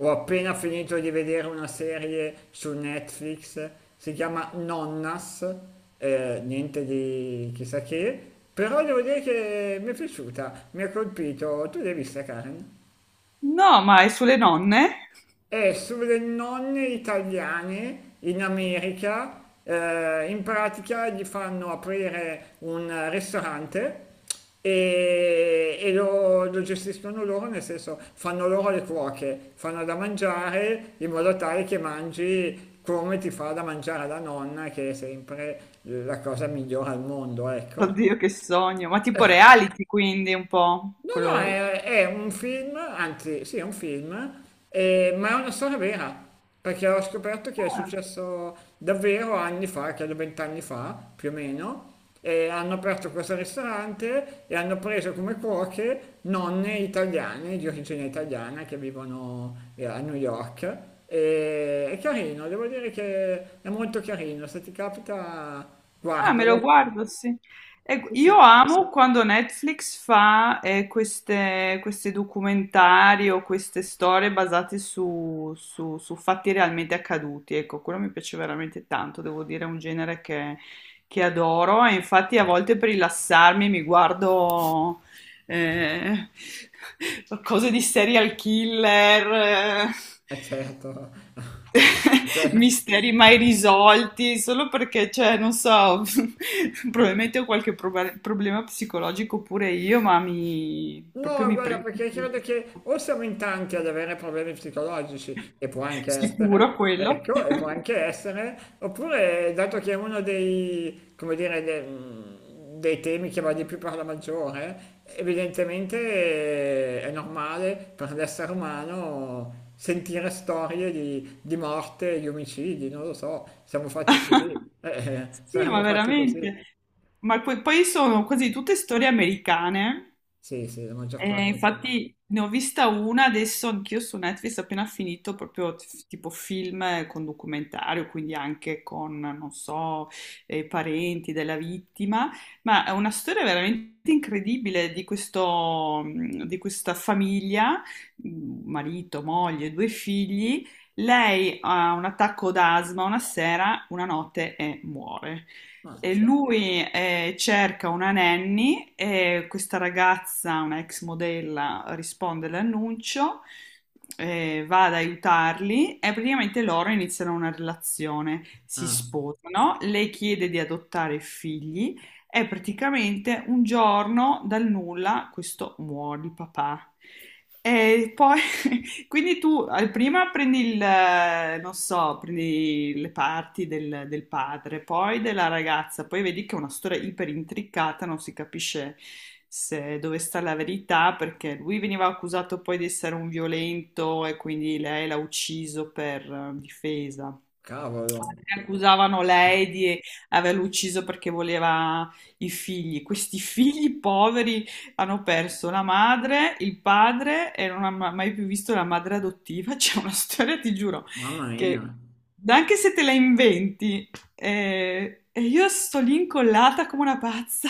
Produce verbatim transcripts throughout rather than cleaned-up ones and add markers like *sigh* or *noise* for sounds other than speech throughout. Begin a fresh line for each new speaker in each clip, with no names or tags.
Ho appena finito di vedere una serie su Netflix, si chiama Nonnas. Eh, niente di chissà che, però devo dire che mi è piaciuta, mi ha colpito. Tu l'hai vista, Karen?
No, ma è sulle nonne?
È sulle nonne italiane in America, eh, in pratica gli fanno aprire un ristorante e, e lo, lo gestiscono loro, nel senso fanno loro le cuoche, fanno da mangiare in modo tale che mangi come ti fa da mangiare la nonna, che è sempre la cosa migliore al mondo, ecco.
Oddio, che sogno. Ma tipo reality, quindi un po'
No, no,
quello.
è, è un film, anzi, sì, è un film, eh, ma è una storia vera, perché ho scoperto che è
Ah,
successo davvero anni fa, credo vent'anni fa, più o meno, e hanno aperto questo ristorante e hanno preso come cuoche nonne italiane, di origine italiana, che vivono eh, a New York. E è carino, devo dire che è molto carino, se ti capita,
ah, me lo
guardalo.
guardo, sì. E
Sì, sì,
io amo quando Netflix fa eh, queste, questi documentari o queste storie basate su, su- su fatti realmente accaduti. Ecco, quello mi piace veramente tanto, devo dire, è un genere che, che adoro e infatti a volte per rilassarmi mi guardo eh, cose di serial killer, eh,
è certo.
*laughs*
*laughs*
misteri mai risolti, solo perché, cioè, non so, *laughs* probabilmente ho qualche proba- problema psicologico pure io, ma mi, proprio
No,
mi
guarda,
prende.
perché credo che o siamo in tanti ad avere problemi psicologici, e può anche essere,
Sicuro quello.
ecco, e può anche essere, oppure dato che è uno dei, come dire, de- mm, dei temi che va di più per la maggiore, evidentemente eh, è normale per l'essere umano sentire storie di, di morte, di omicidi, non lo so, siamo fatti così,
*laughs*
eh, eh,
Sì, ma
saremmo fatti così.
veramente. Ma poi, poi sono quasi tutte storie americane.
Sì, sì, la maggior
Eh,
parte sì.
infatti ne ho vista una adesso anch'io su Netflix appena finito, proprio t- tipo film con documentario, quindi anche con, non so, eh, parenti della vittima, ma è una storia veramente incredibile di questo, mh, di questa famiglia, mh, marito, moglie, due figli. Lei ha un attacco d'asma una sera, una notte e muore. E
Mazza.
lui eh, cerca una nanny e questa ragazza, una ex modella, risponde all'annuncio, eh, va ad aiutarli e praticamente loro iniziano una relazione, si
Ah,
sposano, lei chiede di adottare figli e praticamente un giorno dal nulla questo muore il papà. E poi quindi tu eh, prima prendi il, eh, non so, prendi le parti del, del padre, poi della ragazza, poi vedi che è una storia iper intricata, non si capisce se- dove sta la verità, perché lui veniva accusato poi di essere un violento e quindi lei l'ha ucciso per eh, difesa.
cavolo.
Altri accusavano lei di averlo ucciso perché voleva i figli. Questi figli poveri hanno perso la madre, il padre e non hanno mai più visto la madre adottiva. *laughs* C'è una storia, ti giuro,
Mamma mia.
che anche se te la inventi, eh, e io sto lì incollata come una pazza.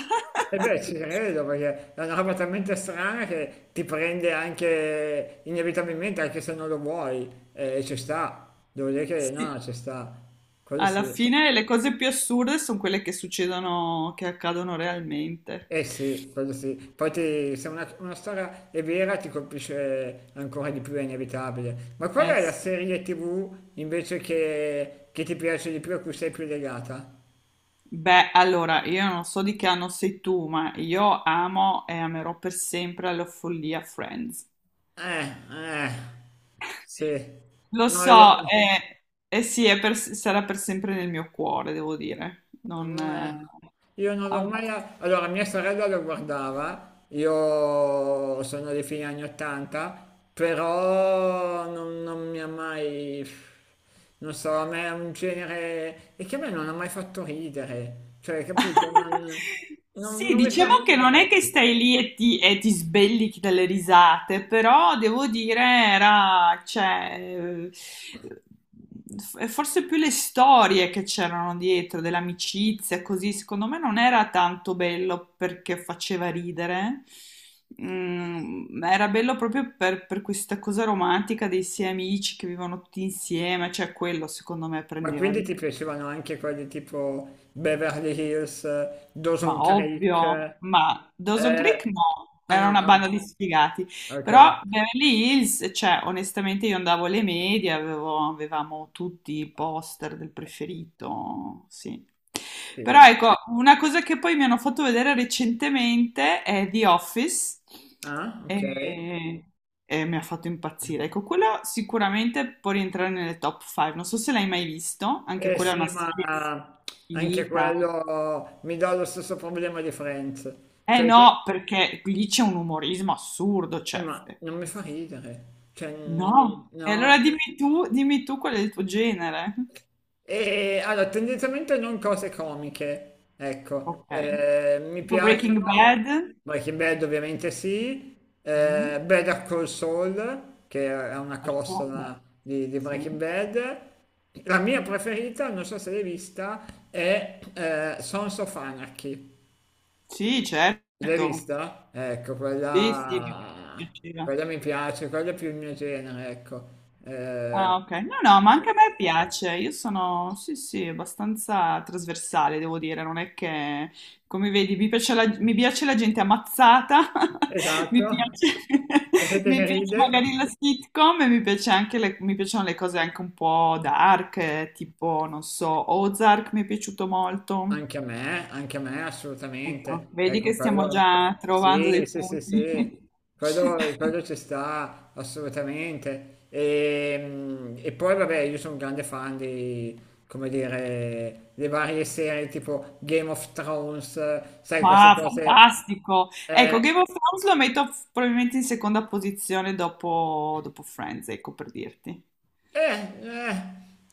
E beh, ci
*laughs*
credo perché è una roba talmente strana che ti prende anche inevitabilmente, anche se non lo vuoi, e ci sta. Devo dire che no,
Sì,
no, ci sta. Quello
alla
sì.
fine le cose più assurde sono quelle che succedono, che accadono realmente.
Eh sì, quello sì. Poi ti- se una, una storia è vera ti colpisce ancora di più, è inevitabile. Ma qual
Eh,
è la
sì.
serie ti vu invece che, che ti piace di più, a cui sei più legata?
Beh, allora, io non so di che anno sei tu, ma io amo e amerò per sempre la follia Friends.
Eh, eh, sì.
Lo
No, io...
so, e, e sì, è per- sarà per sempre nel mio cuore, devo dire. Non,
Eh,
eh,
Io non
ha
l'ho
un
mai...
po'.
Allora, mia sorella lo guardava, io sono dei fine anni ottanta, però non, non mi ha mai... Non so, a me è un genere... E che a me non ha mai fatto ridere, cioè, capito? Non, non-
Sì,
non mi fa
diciamo che non è
ridere.
che stai lì e ti, e ti sbellichi dalle risate, però devo dire, era, cioè, eh, f- forse più le storie che c'erano dietro, dell'amicizia, così, secondo me non era tanto bello perché faceva ridere. Mm, ma era bello proprio per, per questa cosa romantica dei sei amici che vivono tutti insieme, cioè quello secondo me
Ma
prendeva
quindi
di
ti
più.
piacevano anche quelli tipo Beverly Hills, Dawson
Ma
Creek?
ovvio, ma Dawson
eh,
Creek no,
Ah
era
no,
una
ah,
banda di sfigati,
ok,
però Beverly Hills, cioè onestamente io andavo alle medie, avevo- avevamo tutti i poster del preferito, sì. Però
sì.
ecco, una cosa che poi mi hanno fatto vedere recentemente è The Office
Ah, ok.
e, e mi ha fatto impazzire. Ecco, quello sicuramente può rientrare nelle top cinque, non so se l'hai mai visto, anche
Eh
quella è
sì,
una serie
ma anche
finita.
quello mi dà lo stesso problema di Friends,
Eh
cioè che,
no, perché lì c'è un umorismo assurdo,
eh,
cioè,
ma
eh.
non mi fa ridere, cioè non-
No. E allora
no.
dimmi tu, dimmi tu qual è il tuo genere.
E allora, tendenzialmente non cose comiche, ecco.
Ok.
Eh, mi
Tipo Breaking
piacciono,
Bad.
Breaking Bad ovviamente sì,
Mm,
eh, Better Call Saul, che è una
certo,
costola
beh,
di, di
sì.
Breaking Bad, la mia preferita, non so se l'hai vista, è eh, Sons of Anarchy.
Sì,
L'hai
certo.
vista? Ecco,
Sì, sì, mi
quella,
piaceva.
quella mi piace, quella è più il mio genere, ecco.
Ah,
Eh,
ok. No, no, ma anche a me piace. Io sono, sì, sì, abbastanza trasversale, devo dire. Non è che, come vedi, mi piace la, mi piace la gente ammazzata, *laughs*
esatto.
mi piace,
La
*laughs*
gente
mi
che
piace
ride,
magari la sitcom e mi piace anche le, mi piacciono le cose anche un po' dark, eh, tipo, non so, Ozark mi è piaciuto molto.
anche a me, anche a me
Ecco,
assolutamente.
vedi
Ecco,
che stiamo
quello,
già trovando
sì,
dei
sì, sì,
punti.
sì, quello,
*laughs*
quello ci sta assolutamente. E, mm, e poi, vabbè, io sono un grande fan di, come dire, le varie serie tipo Game of Thrones, sai, queste
Ah,
cose.
fantastico! Ecco,
eh,
Game of Thrones lo metto f- probabilmente in seconda posizione dopo, dopo Friends, ecco per dirti.
Eh, eh,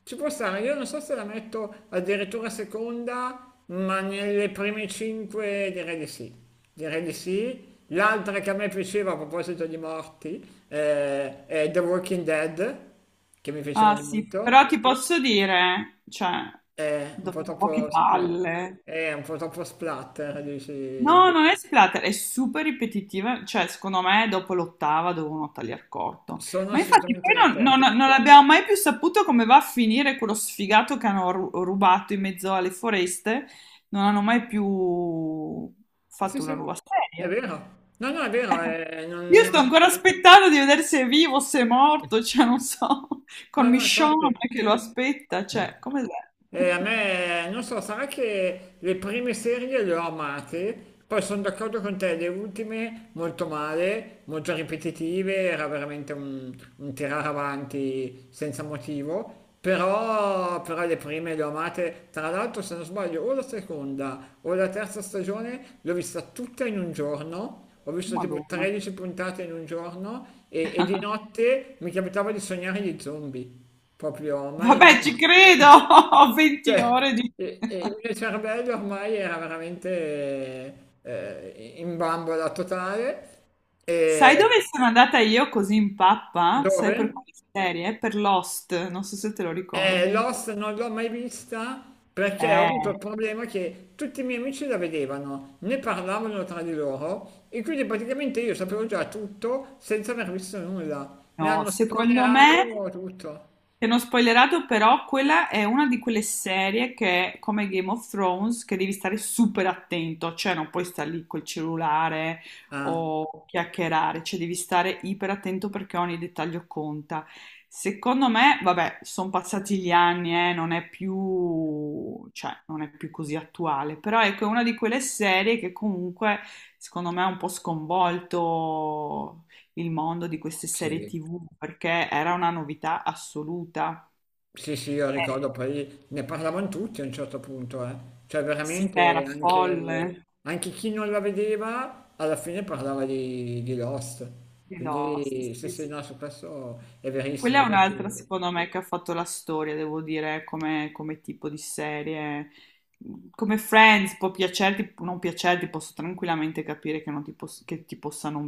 Ci può stare, io non so se la metto addirittura seconda, ma nelle prime cinque direi di sì. Direi di sì. L'altra che a me piaceva a proposito di morti eh, è The Walking Dead, che mi piaceva
Ah sì,
molto.
però ti posso dire, cioè,
È un po'
dopo un po' che
troppo spla-
palle.
è un po' troppo splatter, dici.
No, non è splatter, è super ripetitiva, cioè secondo me dopo l'ottava devono tagliar corto.
Sono
Ma infatti
assolutamente
poi non,
d'accordo.
non- non abbiamo mai più saputo come va a finire quello sfigato che hanno ru- rubato in mezzo alle foreste, non hanno mai più
Sì,
fatto una
sì,
nuova
è
serie.
vero. No, no, è vero, è- non-
Io sto
non-
ancora aspettando di vedere se è vivo, o se è morto, cioè non so, *laughs* con
no, no,
Michonne
infatti.
che lo aspetta, cioè come...
E a
*laughs*
me, non so, sarà che le prime serie le ho amate, poi sono d'accordo con te, le ultime molto male, molto ripetitive, era veramente un, un tirare avanti senza motivo, però, però le prime le ho amate, tra l'altro se non sbaglio o la seconda o la terza stagione l'ho vista tutta in un giorno, ho visto tipo
Madonna.
tredici puntate in un giorno e, e di notte mi capitava di sognare gli zombie, proprio
Vabbè,
mai...
ci credo, *laughs* venti
Cioè,
ore di...
e- e il mio cervello ormai era veramente eh, in bambola totale.
Sai
E
dove sono andata io così in pappa? Sai per
dove?
quale serie? Per Lost, non so se te lo
Eh,
ricordi.
Lost non l'ho mai vista perché ho avuto
Eh,
il problema che tutti i miei amici la vedevano, ne parlavano tra di loro e quindi praticamente io sapevo già tutto senza aver visto nulla. Mi
no,
hanno
secondo me
spoilerato tutto.
ti hanno spoilerato però, quella è una di quelle serie che è come Game of Thrones che devi stare super attento, cioè non puoi stare lì col cellulare
Ah,
o chiacchierare, cioè devi stare iper attento perché ogni dettaglio conta. Secondo me, vabbè, sono passati gli anni, eh, non è più, cioè, non è più così attuale, però ecco, è una di quelle serie che comunque, secondo me, ha un po' sconvolto il mondo di queste serie
sì.
T V perché era una novità assoluta.
Sì, sì, io
Eh,
ricordo, poi ne parlavano tutti a un certo punto, eh. Cioè
sì, era
veramente anche,
folle
anche chi non la vedeva alla fine parlava di, di Lost.
di Lost.
Quindi sì,
Sì,
sì,
sì.
no, su questo è verissimo.
Quella è
Infatti
un'altra, secondo me, che ha fatto la storia, devo dire, come, come tipo di serie. Come Friends può piacerti, può non piacerti, posso tranquillamente capire che, non ti, poss- che ti possa non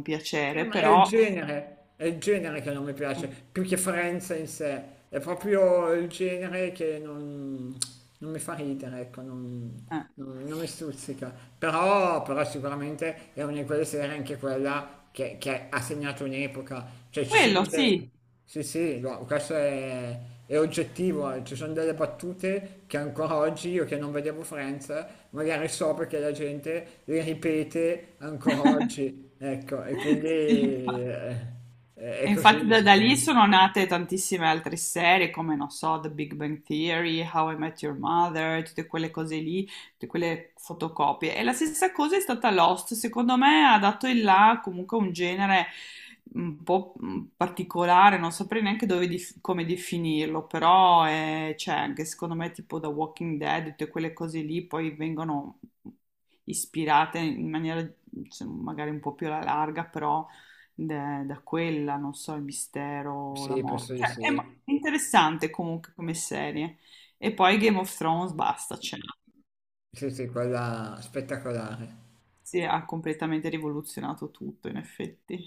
eh,
piacere,
ma è il
però
genere, è il genere che non mi piace, più che Friends in sé, è proprio il genere che non, non mi fa ridere, ecco, non,
eh.
non- non mi stuzzica. Però, però sicuramente è una di quelle serie anche quella che, che ha segnato un'epoca, cioè ci
Quello
sono delle...
sì.
Sì, sì, no, questo è, è oggettivo, eh. Ci sono delle battute che ancora oggi io che non vedevo Friends, magari so perché la gente le ripete ancora oggi, ecco, e quindi
*laughs* Sì, infatti.
eh, è
E
così
infatti
il
da, da lì
sistema.
sono nate tantissime altre serie come, non so, The Big Bang Theory, How I Met Your Mother, tutte quelle cose lì, tutte quelle fotocopie. E la stessa cosa è stata Lost, secondo me ha dato il là comunque a un genere un po' mm, particolare, non saprei neanche dove dif- come definirlo, però è- c'è anche secondo me tipo The Walking Dead, tutte quelle cose lì poi vengono ispirate in maniera, cioè, magari un po' più alla larga, però da da quella, non so, il mistero, la
Sì,
morte.
penso di
Cioè, è mo-
sì,
è interessante comunque come serie. E poi Game of Thrones, basta, cioè,
sì, sì, quella spettacolare.
si ha completamente rivoluzionato tutto, in effetti.